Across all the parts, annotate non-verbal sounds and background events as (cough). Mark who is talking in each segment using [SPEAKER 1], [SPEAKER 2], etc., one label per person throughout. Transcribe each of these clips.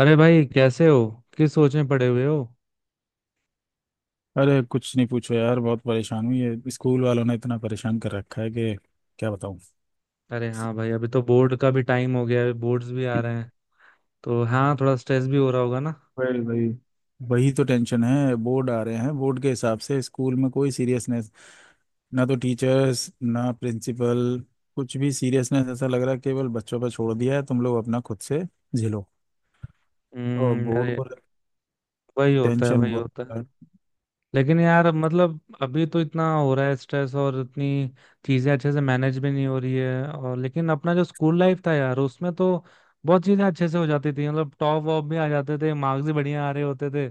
[SPEAKER 1] अरे भाई, कैसे हो? किस सोच में पड़े हुए हो?
[SPEAKER 2] अरे कुछ नहीं पूछो यार, बहुत परेशान हूँ। ये स्कूल वालों ने इतना परेशान कर रखा है कि क्या बताऊँ।
[SPEAKER 1] अरे हाँ भाई, अभी तो बोर्ड का भी टाइम हो गया है, बोर्ड्स भी आ रहे हैं। तो हाँ, थोड़ा स्ट्रेस भी हो रहा होगा ना।
[SPEAKER 2] वही वही वही तो टेंशन है। बोर्ड आ रहे हैं, बोर्ड के हिसाब से स्कूल में कोई सीरियसनेस ना तो टीचर्स, ना प्रिंसिपल, कुछ भी सीरियसनेस। ऐसा लग रहा है केवल बच्चों पर छोड़ दिया है, तुम लोग अपना खुद से झेलो। और
[SPEAKER 1] हम्म।
[SPEAKER 2] बोर्ड
[SPEAKER 1] अरे,
[SPEAKER 2] पर
[SPEAKER 1] वही होता है
[SPEAKER 2] टेंशन
[SPEAKER 1] वही
[SPEAKER 2] बहुत
[SPEAKER 1] होता है।
[SPEAKER 2] है।
[SPEAKER 1] लेकिन यार, मतलब अभी तो इतना हो रहा है स्ट्रेस, और इतनी चीजें अच्छे से मैनेज भी नहीं हो रही है। और लेकिन अपना जो स्कूल लाइफ था यार, उसमें तो बहुत चीजें अच्छे से हो जाती थी। मतलब टॉप वॉप भी आ जाते थे, मार्क्स भी बढ़िया आ रहे होते थे।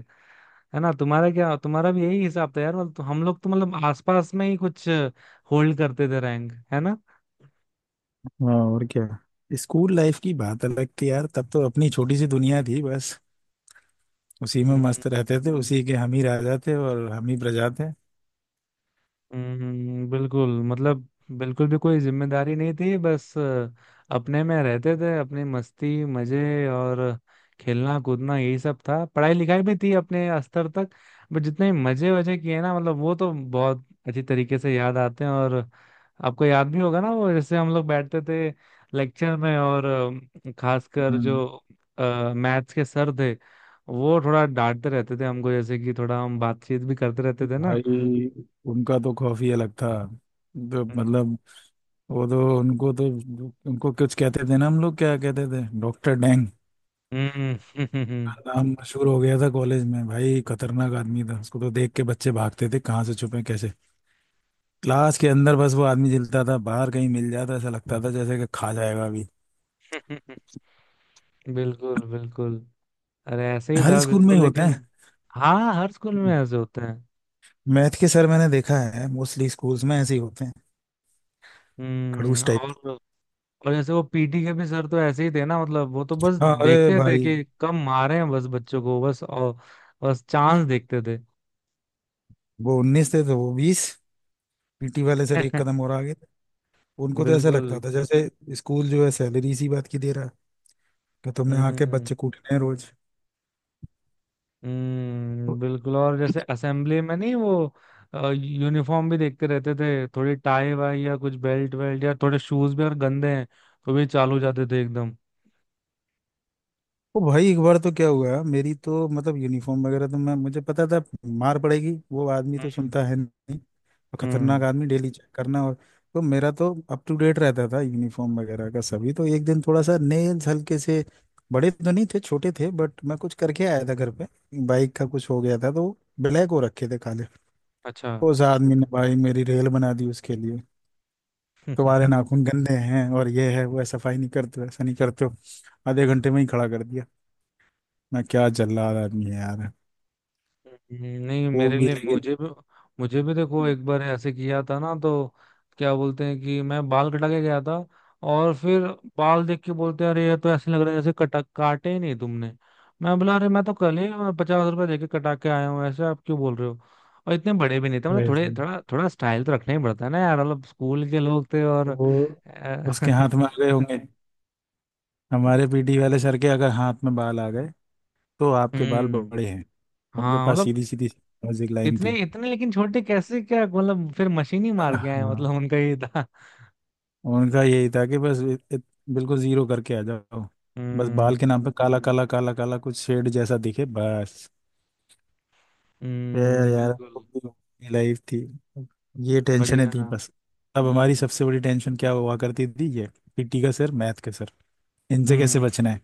[SPEAKER 1] है ना? तुम्हारा क्या, तुम्हारा भी यही हिसाब था यार? मतलब तो हम लोग तो मतलब आसपास में ही कुछ होल्ड करते थे रैंक, है
[SPEAKER 2] हाँ और क्या। स्कूल लाइफ की बात अलग थी यार, तब तो अपनी छोटी सी दुनिया थी, बस उसी में
[SPEAKER 1] ना।
[SPEAKER 2] मस्त रहते थे, उसी के हम ही राजा थे और हम ही प्रजा थे।
[SPEAKER 1] हम्म, बिल्कुल। मतलब बिल्कुल भी कोई जिम्मेदारी नहीं थी। बस अपने में रहते थे, अपनी मस्ती मजे और खेलना कूदना यही सब था। पढ़ाई लिखाई भी थी अपने स्तर तक। बट जितने मजे वजे किए ना, मतलब वो तो बहुत अच्छी तरीके से याद आते हैं। और आपको याद भी होगा ना, वो जैसे हम लोग बैठते थे लेक्चर में, और खासकर
[SPEAKER 2] हम्म।
[SPEAKER 1] जो मैथ्स के सर थे, वो थोड़ा डांटते रहते थे हमको, जैसे कि थोड़ा हम बातचीत भी करते रहते थे ना।
[SPEAKER 2] भाई उनका तो खौफ ही अलग था। तो मतलब वो तो उनको कुछ कहते थे ना, हम लोग क्या कहते थे, डॉक्टर डैंग। का
[SPEAKER 1] हम्म।
[SPEAKER 2] नाम मशहूर हो गया था कॉलेज में। भाई खतरनाक आदमी था, उसको तो देख के बच्चे भागते थे कहाँ से छुपे कैसे क्लास के अंदर। बस वो आदमी जलता था, बाहर कहीं मिल जाता ऐसा लगता था जैसे कि खा जाएगा अभी।
[SPEAKER 1] (laughs) बिल्कुल बिल्कुल। अरे, ऐसे ही
[SPEAKER 2] हर
[SPEAKER 1] था
[SPEAKER 2] स्कूल में
[SPEAKER 1] बिल्कुल।
[SPEAKER 2] ही होते
[SPEAKER 1] लेकिन
[SPEAKER 2] हैं।
[SPEAKER 1] हाँ, हर स्कूल में ऐसे होते हैं।
[SPEAKER 2] मैथ के सर मैंने देखा है मोस्टली स्कूल्स में ऐसे ही होते हैं,
[SPEAKER 1] हम्म।
[SPEAKER 2] खड़ूस टाइप।
[SPEAKER 1] और जैसे वो पीटी के भी सर तो ऐसे ही थे ना। मतलब वो तो बस
[SPEAKER 2] हाँ अरे
[SPEAKER 1] देखते थे
[SPEAKER 2] भाई।
[SPEAKER 1] कि कम मारे हैं बस बच्चों को, बस। और बस चांस देखते थे।
[SPEAKER 2] वो उन्नीस थे तो वो बीस, पीटी वाले सर एक
[SPEAKER 1] (laughs)
[SPEAKER 2] कदम और आगे थे। उनको तो ऐसा
[SPEAKER 1] बिल्कुल।
[SPEAKER 2] लगता था जैसे स्कूल जो है सैलरी इसी बात की दे रहा है कि तुमने आके
[SPEAKER 1] हम्म।
[SPEAKER 2] बच्चे कूटने हैं रोज।
[SPEAKER 1] हम्म, बिल्कुल। और जैसे असेंबली में नहीं, वो यूनिफॉर्म भी देखते रहते थे। थोड़ी टाई वाई या कुछ बेल्ट वेल्ट, या थोड़े शूज भी अगर गंदे हैं तो भी चालू जाते थे एकदम।
[SPEAKER 2] ओ भाई एक बार तो क्या हुआ, मेरी तो मतलब यूनिफॉर्म वगैरह तो मैं मुझे पता था मार पड़ेगी, वो आदमी तो
[SPEAKER 1] हम्म।
[SPEAKER 2] सुनता है नहीं। और खतरनाक
[SPEAKER 1] हम्म,
[SPEAKER 2] आदमी, डेली चेक करना। और तो मेरा तो अप टू डेट रहता था यूनिफॉर्म वगैरह का सभी। तो एक दिन थोड़ा सा नेल्स, हल्के से बड़े तो नहीं थे, छोटे थे, बट मैं कुछ करके आया था घर पे, बाइक का कुछ हो गया था, तो ब्लैक हो रखे थे, काले।
[SPEAKER 1] अच्छा।
[SPEAKER 2] उस आदमी ने भाई मेरी रेल बना दी उसके लिए। तुम्हारे
[SPEAKER 1] (laughs)
[SPEAKER 2] नाखून गंदे हैं और ये है वो है, सफाई नहीं करते हो, ऐसा नहीं करते हो। आधे घंटे में ही खड़ा कर दिया ना। क्या जल्लाद आदमी है यार।
[SPEAKER 1] नहीं
[SPEAKER 2] वो
[SPEAKER 1] मेरे
[SPEAKER 2] भी
[SPEAKER 1] लिए,
[SPEAKER 2] लेकिन
[SPEAKER 1] मुझे भी देखो, एक बार ऐसे किया था ना। तो क्या बोलते हैं कि मैं बाल कटा के गया था, और फिर बाल देख के बोलते हैं, अरे ये तो ऐसे लग रहा है जैसे कटा काटे ही नहीं तुमने। मैं बोला, अरे मैं तो कल ही 50 रुपए देके कटा के आया हूँ, ऐसे आप क्यों बोल रहे हो? और इतने बड़े भी नहीं थे। मतलब
[SPEAKER 2] वैसे
[SPEAKER 1] थोड़े
[SPEAKER 2] ही।
[SPEAKER 1] थोड़ा थोड़ा स्टाइल तो रखना ही पड़ता है ना यार। मतलब स्कूल के लोग थे और
[SPEAKER 2] वो
[SPEAKER 1] अ,
[SPEAKER 2] उसके हाथ में
[SPEAKER 1] (laughs)
[SPEAKER 2] आ गए होंगे। हमारे पीटी वाले सर के अगर हाथ में बाल आ गए तो आपके बाल
[SPEAKER 1] हम्म,
[SPEAKER 2] बड़े हैं। उनके
[SPEAKER 1] हाँ,
[SPEAKER 2] पास
[SPEAKER 1] मतलब
[SPEAKER 2] सीधी सीधी म्यूजिक लाइन
[SPEAKER 1] इतने
[SPEAKER 2] थी।
[SPEAKER 1] इतने लेकिन छोटे कैसे? क्या मतलब फिर मशीन ही मार के आए?
[SPEAKER 2] हाँ।
[SPEAKER 1] मतलब उनका ये था।
[SPEAKER 2] उनका यही था कि बस इत, इत, बिल्कुल जीरो करके आ जाओ। बस बाल
[SPEAKER 1] हम्म।
[SPEAKER 2] के नाम पे काला काला काला काला कुछ शेड जैसा दिखे, बस। फिर यार
[SPEAKER 1] बिल्कुल।
[SPEAKER 2] वो भी लाइफ थी, ये टेंशनें
[SPEAKER 1] बढ़िया।
[SPEAKER 2] थी बस। अब हमारी सबसे बड़ी टेंशन क्या हुआ करती थी, ये पीटी का सर, मैथ का सर, इनसे कैसे
[SPEAKER 1] हम्म।
[SPEAKER 2] बचना है।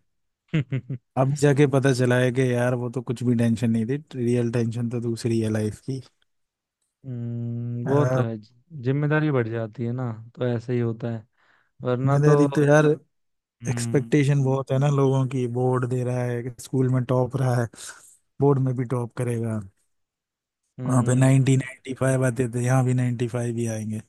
[SPEAKER 1] (laughs)
[SPEAKER 2] अब जाके पता चला है कि यार वो तो कुछ भी टेंशन नहीं थी, रियल टेंशन तो दूसरी है लाइफ की।
[SPEAKER 1] वो तो
[SPEAKER 2] आ,
[SPEAKER 1] है। जिम्मेदारी बढ़ जाती है ना तो ऐसे ही होता है, वरना तो।
[SPEAKER 2] जिम्मेदारी तो यार
[SPEAKER 1] हम्म।
[SPEAKER 2] एक्सपेक्टेशन बहुत है ना लोगों की, बोर्ड दे रहा है, स्कूल में टॉप रहा है, बोर्ड में भी टॉप करेगा। वहाँ पे
[SPEAKER 1] हम्म।
[SPEAKER 2] नाइनटी नाइन्टी फाइव आते थे, यहाँ भी नाइन्टी फाइव ही आएंगे।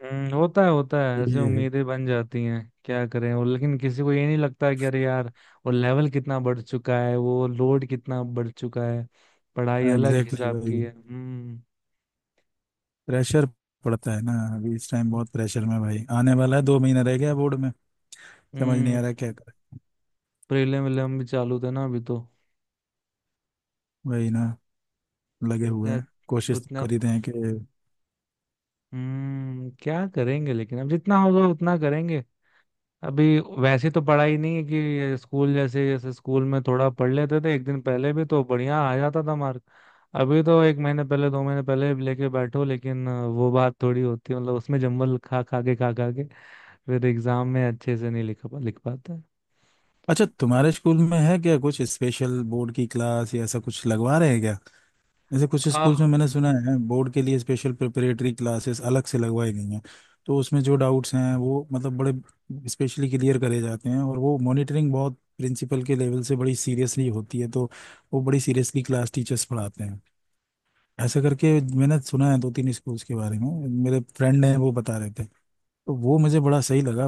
[SPEAKER 1] होता है होता है, ऐसे
[SPEAKER 2] ये
[SPEAKER 1] उम्मीदें बन जाती हैं, क्या करें। और लेकिन किसी को ये नहीं लगता है कि अरे यार, वो लेवल कितना बढ़ चुका है, वो लोड कितना बढ़ चुका है। पढ़ाई अलग
[SPEAKER 2] एग्जैक्टली
[SPEAKER 1] हिसाब
[SPEAKER 2] exactly
[SPEAKER 1] की
[SPEAKER 2] भाई।
[SPEAKER 1] है। हम्म।
[SPEAKER 2] प्रेशर पड़ता है ना, अभी इस टाइम बहुत प्रेशर में भाई आने वाला है, 2 महीना रह गया बोर्ड में। समझ नहीं आ रहा
[SPEAKER 1] हम्म।
[SPEAKER 2] क्या करें।
[SPEAKER 1] प्रीलिम विलियम भी चालू थे ना अभी तो।
[SPEAKER 2] वही ना, लगे हुए
[SPEAKER 1] उतने
[SPEAKER 2] हैं, कोशिश तो
[SPEAKER 1] उतना।
[SPEAKER 2] कर ही रहे हैं कि।
[SPEAKER 1] क्या करेंगे, लेकिन अब जितना होगा उतना करेंगे। अभी वैसे तो पढ़ाई नहीं है कि स्कूल, जैसे जैसे स्कूल में थोड़ा पढ़ लेते थे एक दिन पहले भी तो बढ़िया आ जाता था मार्क। अभी तो एक महीने पहले 2 महीने पहले भी लेके बैठो, लेकिन वो बात थोड़ी होती है। मतलब उसमें जम्बल खा खा के फिर एग्जाम में अच्छे से नहीं लिख पाते।
[SPEAKER 2] अच्छा तुम्हारे स्कूल में है क्या कुछ स्पेशल बोर्ड की क्लास या ऐसा कुछ लगवा रहे हैं क्या। जैसे कुछ
[SPEAKER 1] आ,
[SPEAKER 2] स्कूल्स में मैंने सुना है बोर्ड के लिए स्पेशल प्रिपरेटरी क्लासेस अलग से लगवाई गई हैं। तो उसमें जो डाउट्स हैं वो मतलब बड़े स्पेशली क्लियर करे जाते हैं, और वो मॉनिटरिंग बहुत प्रिंसिपल के लेवल से बड़ी सीरियसली होती है। तो वो बड़ी सीरियसली क्लास टीचर्स पढ़ाते हैं ऐसा करके। मैंने सुना है दो तीन स्कूल्स के बारे में, मेरे फ्रेंड हैं वो बता रहे थे, तो वो मुझे बड़ा सही लगा।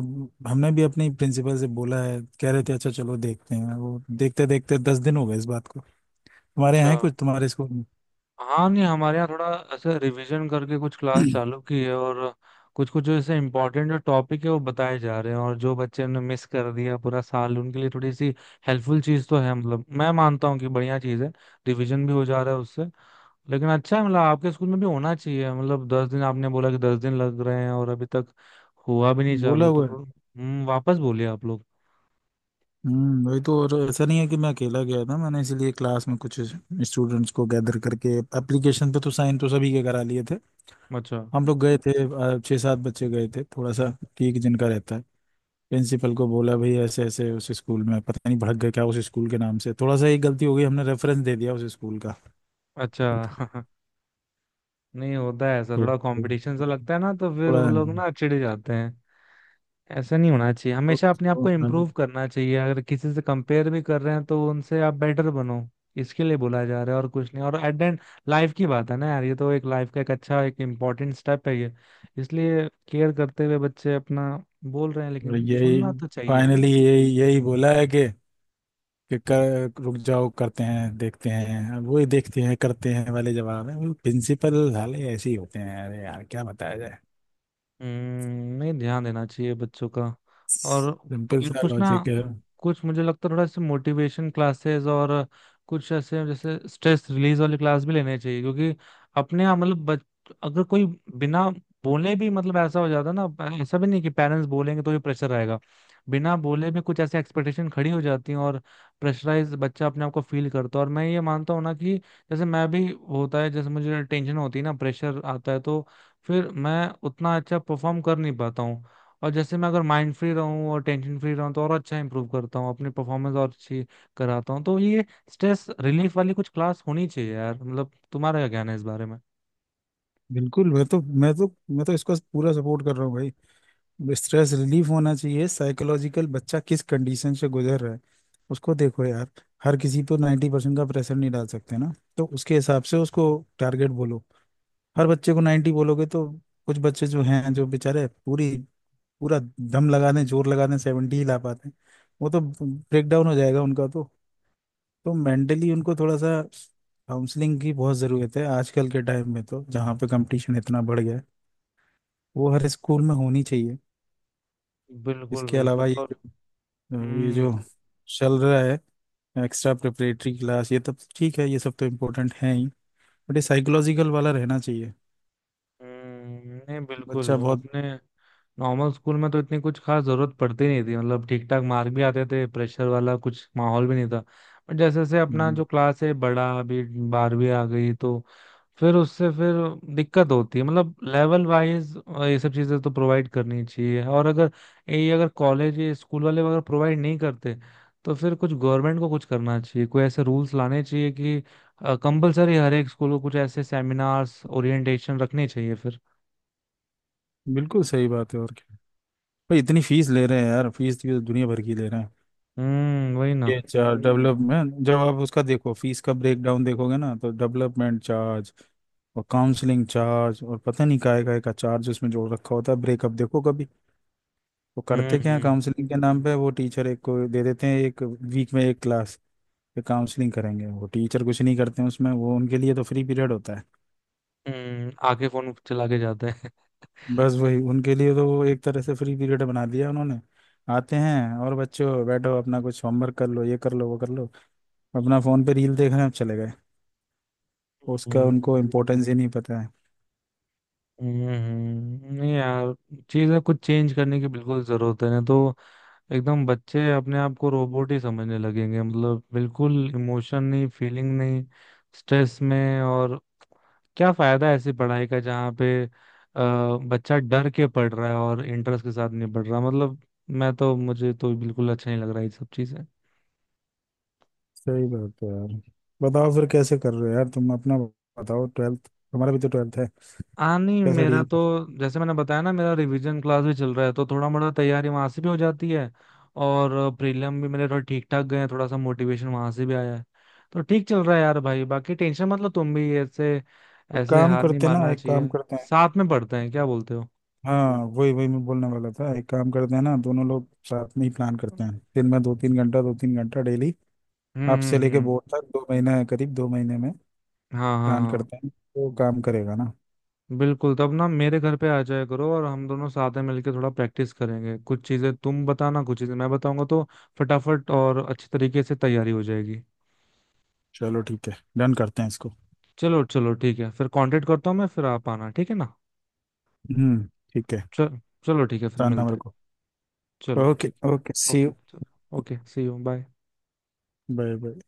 [SPEAKER 2] हमने भी अपने प्रिंसिपल से बोला है, कह रहे थे अच्छा चलो देखते हैं, वो देखते देखते 10 दिन हो गए इस बात को। तुम्हारे यहाँ
[SPEAKER 1] अच्छा।
[SPEAKER 2] है कुछ तुम्हारे स्कूल में।
[SPEAKER 1] हाँ, नहीं हमारे यहाँ थोड़ा ऐसे रिवीजन करके कुछ क्लास चालू की है, और कुछ कुछ जो ऐसे इम्पोर्टेंट जो टॉपिक है वो बताए जा रहे हैं, और जो बच्चे ने मिस कर दिया पूरा साल उनके लिए थोड़ी सी हेल्पफुल चीज़ तो है। मतलब मैं मानता हूँ कि बढ़िया चीज़ है, रिवीजन भी हो जा रहा है उससे। लेकिन अच्छा है, मतलब आपके स्कूल में भी होना चाहिए। मतलब 10 दिन आपने बोला कि 10 दिन लग रहे हैं और अभी तक हुआ भी नहीं
[SPEAKER 2] बोला
[SPEAKER 1] चालू तो।
[SPEAKER 2] हुआ है।
[SPEAKER 1] वापस बोलिए आप लोग।
[SPEAKER 2] वही तो। और ऐसा नहीं है कि मैं अकेला गया था, मैंने इसीलिए क्लास में कुछ स्टूडेंट्स को गैदर करके एप्लीकेशन पे तो साइन तो सभी के करा लिए थे।
[SPEAKER 1] अच्छा
[SPEAKER 2] हम लोग गए थे। छः सात बच्चे गए थे, थोड़ा सा ठीक जिनका रहता है। प्रिंसिपल को बोला भाई ऐसे ऐसे उस स्कूल में, पता नहीं भड़क गए क्या उस स्कूल के नाम से, थोड़ा सा एक गलती हो गई हमने रेफरेंस दे दिया उस स्कूल का।
[SPEAKER 1] अच्छा।
[SPEAKER 2] (laughs)
[SPEAKER 1] (laughs) नहीं, होता है ऐसा,
[SPEAKER 2] तो
[SPEAKER 1] थोड़ा कंपटीशन सा लगता है ना तो फिर वो
[SPEAKER 2] पूरा-
[SPEAKER 1] लोग ना चिढ़ जाते हैं। ऐसा नहीं होना चाहिए। हमेशा अपने आप को इम्प्रूव करना चाहिए। अगर किसी से कंपेयर भी कर रहे हैं तो उनसे आप बेटर बनो, इसके लिए बोला जा रहा है और कुछ नहीं। और एट द एंड, लाइफ की बात है ना यार। ये तो एक लाइफ का एक अच्छा एक इम्पोर्टेंट स्टेप है ये। इसलिए केयर करते हुए बच्चे अपना बोल रहे हैं, लेकिन
[SPEAKER 2] यही
[SPEAKER 1] सुनना तो चाहिए।
[SPEAKER 2] फाइनली, यही यही बोला है कि रुक जाओ, करते हैं देखते हैं, अब वही देखते हैं करते हैं वाले जवाब है। वो प्रिंसिपल साले ऐसे ही होते हैं, अरे यार क्या बताया जाए।
[SPEAKER 1] नहीं, ध्यान देना चाहिए बच्चों का। और
[SPEAKER 2] सिंपल
[SPEAKER 1] और
[SPEAKER 2] सा
[SPEAKER 1] कुछ ना
[SPEAKER 2] लॉजिक है।
[SPEAKER 1] कुछ मुझे लगता है थोड़ा ऐसे मोटिवेशन क्लासेस, और कुछ ऐसे जैसे स्ट्रेस रिलीज वाली क्लास भी लेने चाहिए। क्योंकि अपने आप, मतलब बच अगर कोई बिना बोले भी, मतलब ऐसा हो जाता है ना। ऐसा भी नहीं कि पेरेंट्स बोलेंगे तो ये प्रेशर आएगा, बिना बोले भी कुछ ऐसे एक्सपेक्टेशन खड़ी हो जाती हैं, और प्रेशराइज बच्चा अपने आप को फील करता है। और मैं ये मानता हूँ ना कि जैसे मैं भी, होता है जैसे मुझे टेंशन होती है ना, प्रेशर आता है तो फिर मैं उतना अच्छा परफॉर्म कर नहीं पाता हूँ। और जैसे मैं अगर माइंड फ्री रहूँ और टेंशन फ्री रहूँ तो और अच्छा इंप्रूव करता हूँ, अपनी परफॉर्मेंस और अच्छी कराता हूँ। तो ये स्ट्रेस रिलीफ वाली कुछ क्लास होनी चाहिए यार। मतलब तुम्हारा क्या कहना है इस बारे में?
[SPEAKER 2] बिल्कुल, मैं तो इसको पूरा सपोर्ट कर रहा हूँ भाई। स्ट्रेस रिलीफ होना चाहिए, साइकोलॉजिकल बच्चा किस कंडीशन से गुजर रहा है उसको देखो यार। हर किसी पर 90% का प्रेशर नहीं डाल सकते ना, तो उसके हिसाब से उसको टारगेट बोलो। हर बच्चे को 90 बोलोगे तो कुछ बच्चे जो हैं जो बेचारे पूरी, पूरा दम लगा दें जोर लगा दें 70 ही ला पाते हैं, वो तो ब्रेक डाउन हो जाएगा उनका तो। तो मेंटली उनको थोड़ा सा काउंसलिंग की बहुत ज़रूरत है आजकल के टाइम में, तो जहाँ पे कंपटीशन इतना बढ़ गया है, वो हर स्कूल में होनी चाहिए।
[SPEAKER 1] बिल्कुल
[SPEAKER 2] इसके अलावा
[SPEAKER 1] बिल्कुल।
[SPEAKER 2] ये
[SPEAKER 1] और
[SPEAKER 2] जो
[SPEAKER 1] हम्म।
[SPEAKER 2] चल रहा है एक्स्ट्रा प्रिपरेटरी क्लास, ये तब ठीक है, ये सब तो इम्पोर्टेंट है ही, बट ये साइकोलॉजिकल वाला रहना चाहिए।
[SPEAKER 1] नहीं बिल्कुल,
[SPEAKER 2] बच्चा बहुत।
[SPEAKER 1] अपने नॉर्मल स्कूल में तो इतनी कुछ खास जरूरत पड़ती नहीं थी, मतलब ठीक ठाक मार्क भी आते थे, प्रेशर वाला कुछ माहौल भी नहीं था। बट जैसे जैसे अपना जो क्लास है बड़ा अभी, 12वीं आ गई, तो फिर उससे फिर दिक्कत होती है, मतलब लेवल वाइज। ये सब चीज़ें तो प्रोवाइड करनी चाहिए, और अगर ये अगर कॉलेज, ये स्कूल वाले अगर प्रोवाइड नहीं करते, तो फिर कुछ गवर्नमेंट को कुछ करना चाहिए। कोई ऐसे रूल्स लाने चाहिए कि कंपलसरी हर एक स्कूल को कुछ ऐसे सेमिनार्स ओरिएंटेशन रखने चाहिए फिर।
[SPEAKER 2] बिल्कुल सही बात है, और क्या। भाई इतनी फीस ले रहे हैं यार, फीस तो दुनिया भर की ले रहे हैं।
[SPEAKER 1] हम्म। वही ना।
[SPEAKER 2] ये चार डेवलपमेंट, जब आप उसका देखो फीस का ब्रेकडाउन देखोगे ना, तो डेवलपमेंट चार्ज और काउंसलिंग चार्ज और पता नहीं काय काय का चार्ज उसमें जोड़ रखा होता है, ब्रेकअप देखो कभी। वो
[SPEAKER 1] हम्म।
[SPEAKER 2] करते क्या है
[SPEAKER 1] हम्म।
[SPEAKER 2] काउंसलिंग के नाम पे, वो टीचर एक को दे देते हैं, एक वीक में एक क्लास, ये काउंसलिंग करेंगे। वो टीचर कुछ नहीं करते हैं उसमें, वो उनके लिए तो फ्री पीरियड होता है।
[SPEAKER 1] आके फोन चला के जाते हैं।
[SPEAKER 2] बस वही, उनके लिए तो वो एक तरह से फ्री पीरियड बना दिया उन्होंने। आते हैं और बच्चों बैठो अपना कुछ होमवर्क कर लो, ये कर लो वो कर लो, अपना फोन पे रील देख रहे हैं, अब चले गए। उसका
[SPEAKER 1] हम्म।
[SPEAKER 2] उनको इम्पोर्टेंस ही नहीं पता है।
[SPEAKER 1] नहीं यार, चीजें कुछ चेंज करने की बिल्कुल जरूरत है ना, तो एकदम बच्चे अपने आप को रोबोट ही समझने लगेंगे। मतलब बिल्कुल इमोशन नहीं, फीलिंग नहीं, स्ट्रेस में। और क्या फायदा है ऐसी पढ़ाई का जहाँ पे बच्चा डर के पढ़ रहा है और इंटरेस्ट के साथ नहीं पढ़ रहा? मतलब मैं तो मुझे तो बिल्कुल अच्छा नहीं लग रहा है ये सब चीजें।
[SPEAKER 2] सही बात है यार। बताओ फिर कैसे कर रहे हो यार, तुम अपना बताओ, ट्वेल्थ हमारा भी तो ट्वेल्थ है,
[SPEAKER 1] हाँ, नहीं
[SPEAKER 2] कैसे
[SPEAKER 1] मेरा
[SPEAKER 2] डील
[SPEAKER 1] तो,
[SPEAKER 2] कर।
[SPEAKER 1] जैसे मैंने बताया ना, मेरा रिवीजन क्लास भी चल रहा है तो थोड़ा मोड़ा तैयारी वहां से भी हो जाती है। और प्रीलिम भी मेरे थोड़ा ठीक ठाक गए हैं, थोड़ा सा मोटिवेशन वहां से भी आया है। तो ठीक चल रहा है यार भाई, बाकी टेंशन मत लो तुम भी ऐसे।
[SPEAKER 2] एक
[SPEAKER 1] ऐसे
[SPEAKER 2] काम
[SPEAKER 1] हार नहीं
[SPEAKER 2] करते हैं ना,
[SPEAKER 1] मारना
[SPEAKER 2] एक काम
[SPEAKER 1] चाहिए।
[SPEAKER 2] करते हैं।
[SPEAKER 1] साथ में पढ़ते हैं, क्या बोलते हो?
[SPEAKER 2] हाँ, वही वही मैं बोलने वाला था। एक काम करते हैं ना, दोनों लोग साथ में ही प्लान करते
[SPEAKER 1] हम्म।
[SPEAKER 2] हैं, दिन में दो तीन घंटा डेली,
[SPEAKER 1] हम्म।
[SPEAKER 2] आपसे लेके
[SPEAKER 1] हम्म।
[SPEAKER 2] बोर्ड तक 2 महीने, करीब 2 महीने में
[SPEAKER 1] हाँ हाँ
[SPEAKER 2] प्लान
[SPEAKER 1] हाँ।
[SPEAKER 2] करते हैं, तो काम करेगा ना।
[SPEAKER 1] बिल्कुल, तब ना मेरे घर पे आ जाया करो, और हम दोनों साथ में मिलके थोड़ा प्रैक्टिस करेंगे। कुछ चीजें तुम बताना, कुछ चीजें मैं बताऊंगा, तो फटाफट और अच्छी तरीके से तैयारी हो जाएगी।
[SPEAKER 2] चलो ठीक है, डन करते हैं इसको।
[SPEAKER 1] चलो चलो ठीक है, फिर कांटेक्ट करता हूँ मैं, फिर आप आना ठीक है ना।
[SPEAKER 2] हम्म, ठीक है।
[SPEAKER 1] चल, चलो ठीक है फिर
[SPEAKER 2] बताना
[SPEAKER 1] मिलते
[SPEAKER 2] मेरे
[SPEAKER 1] हैं।
[SPEAKER 2] को।
[SPEAKER 1] चलो
[SPEAKER 2] ओके।
[SPEAKER 1] ठीक
[SPEAKER 2] ओके
[SPEAKER 1] है,
[SPEAKER 2] सी
[SPEAKER 1] ओके
[SPEAKER 2] यू।
[SPEAKER 1] चलो, okay see you, bye.
[SPEAKER 2] Bye bye.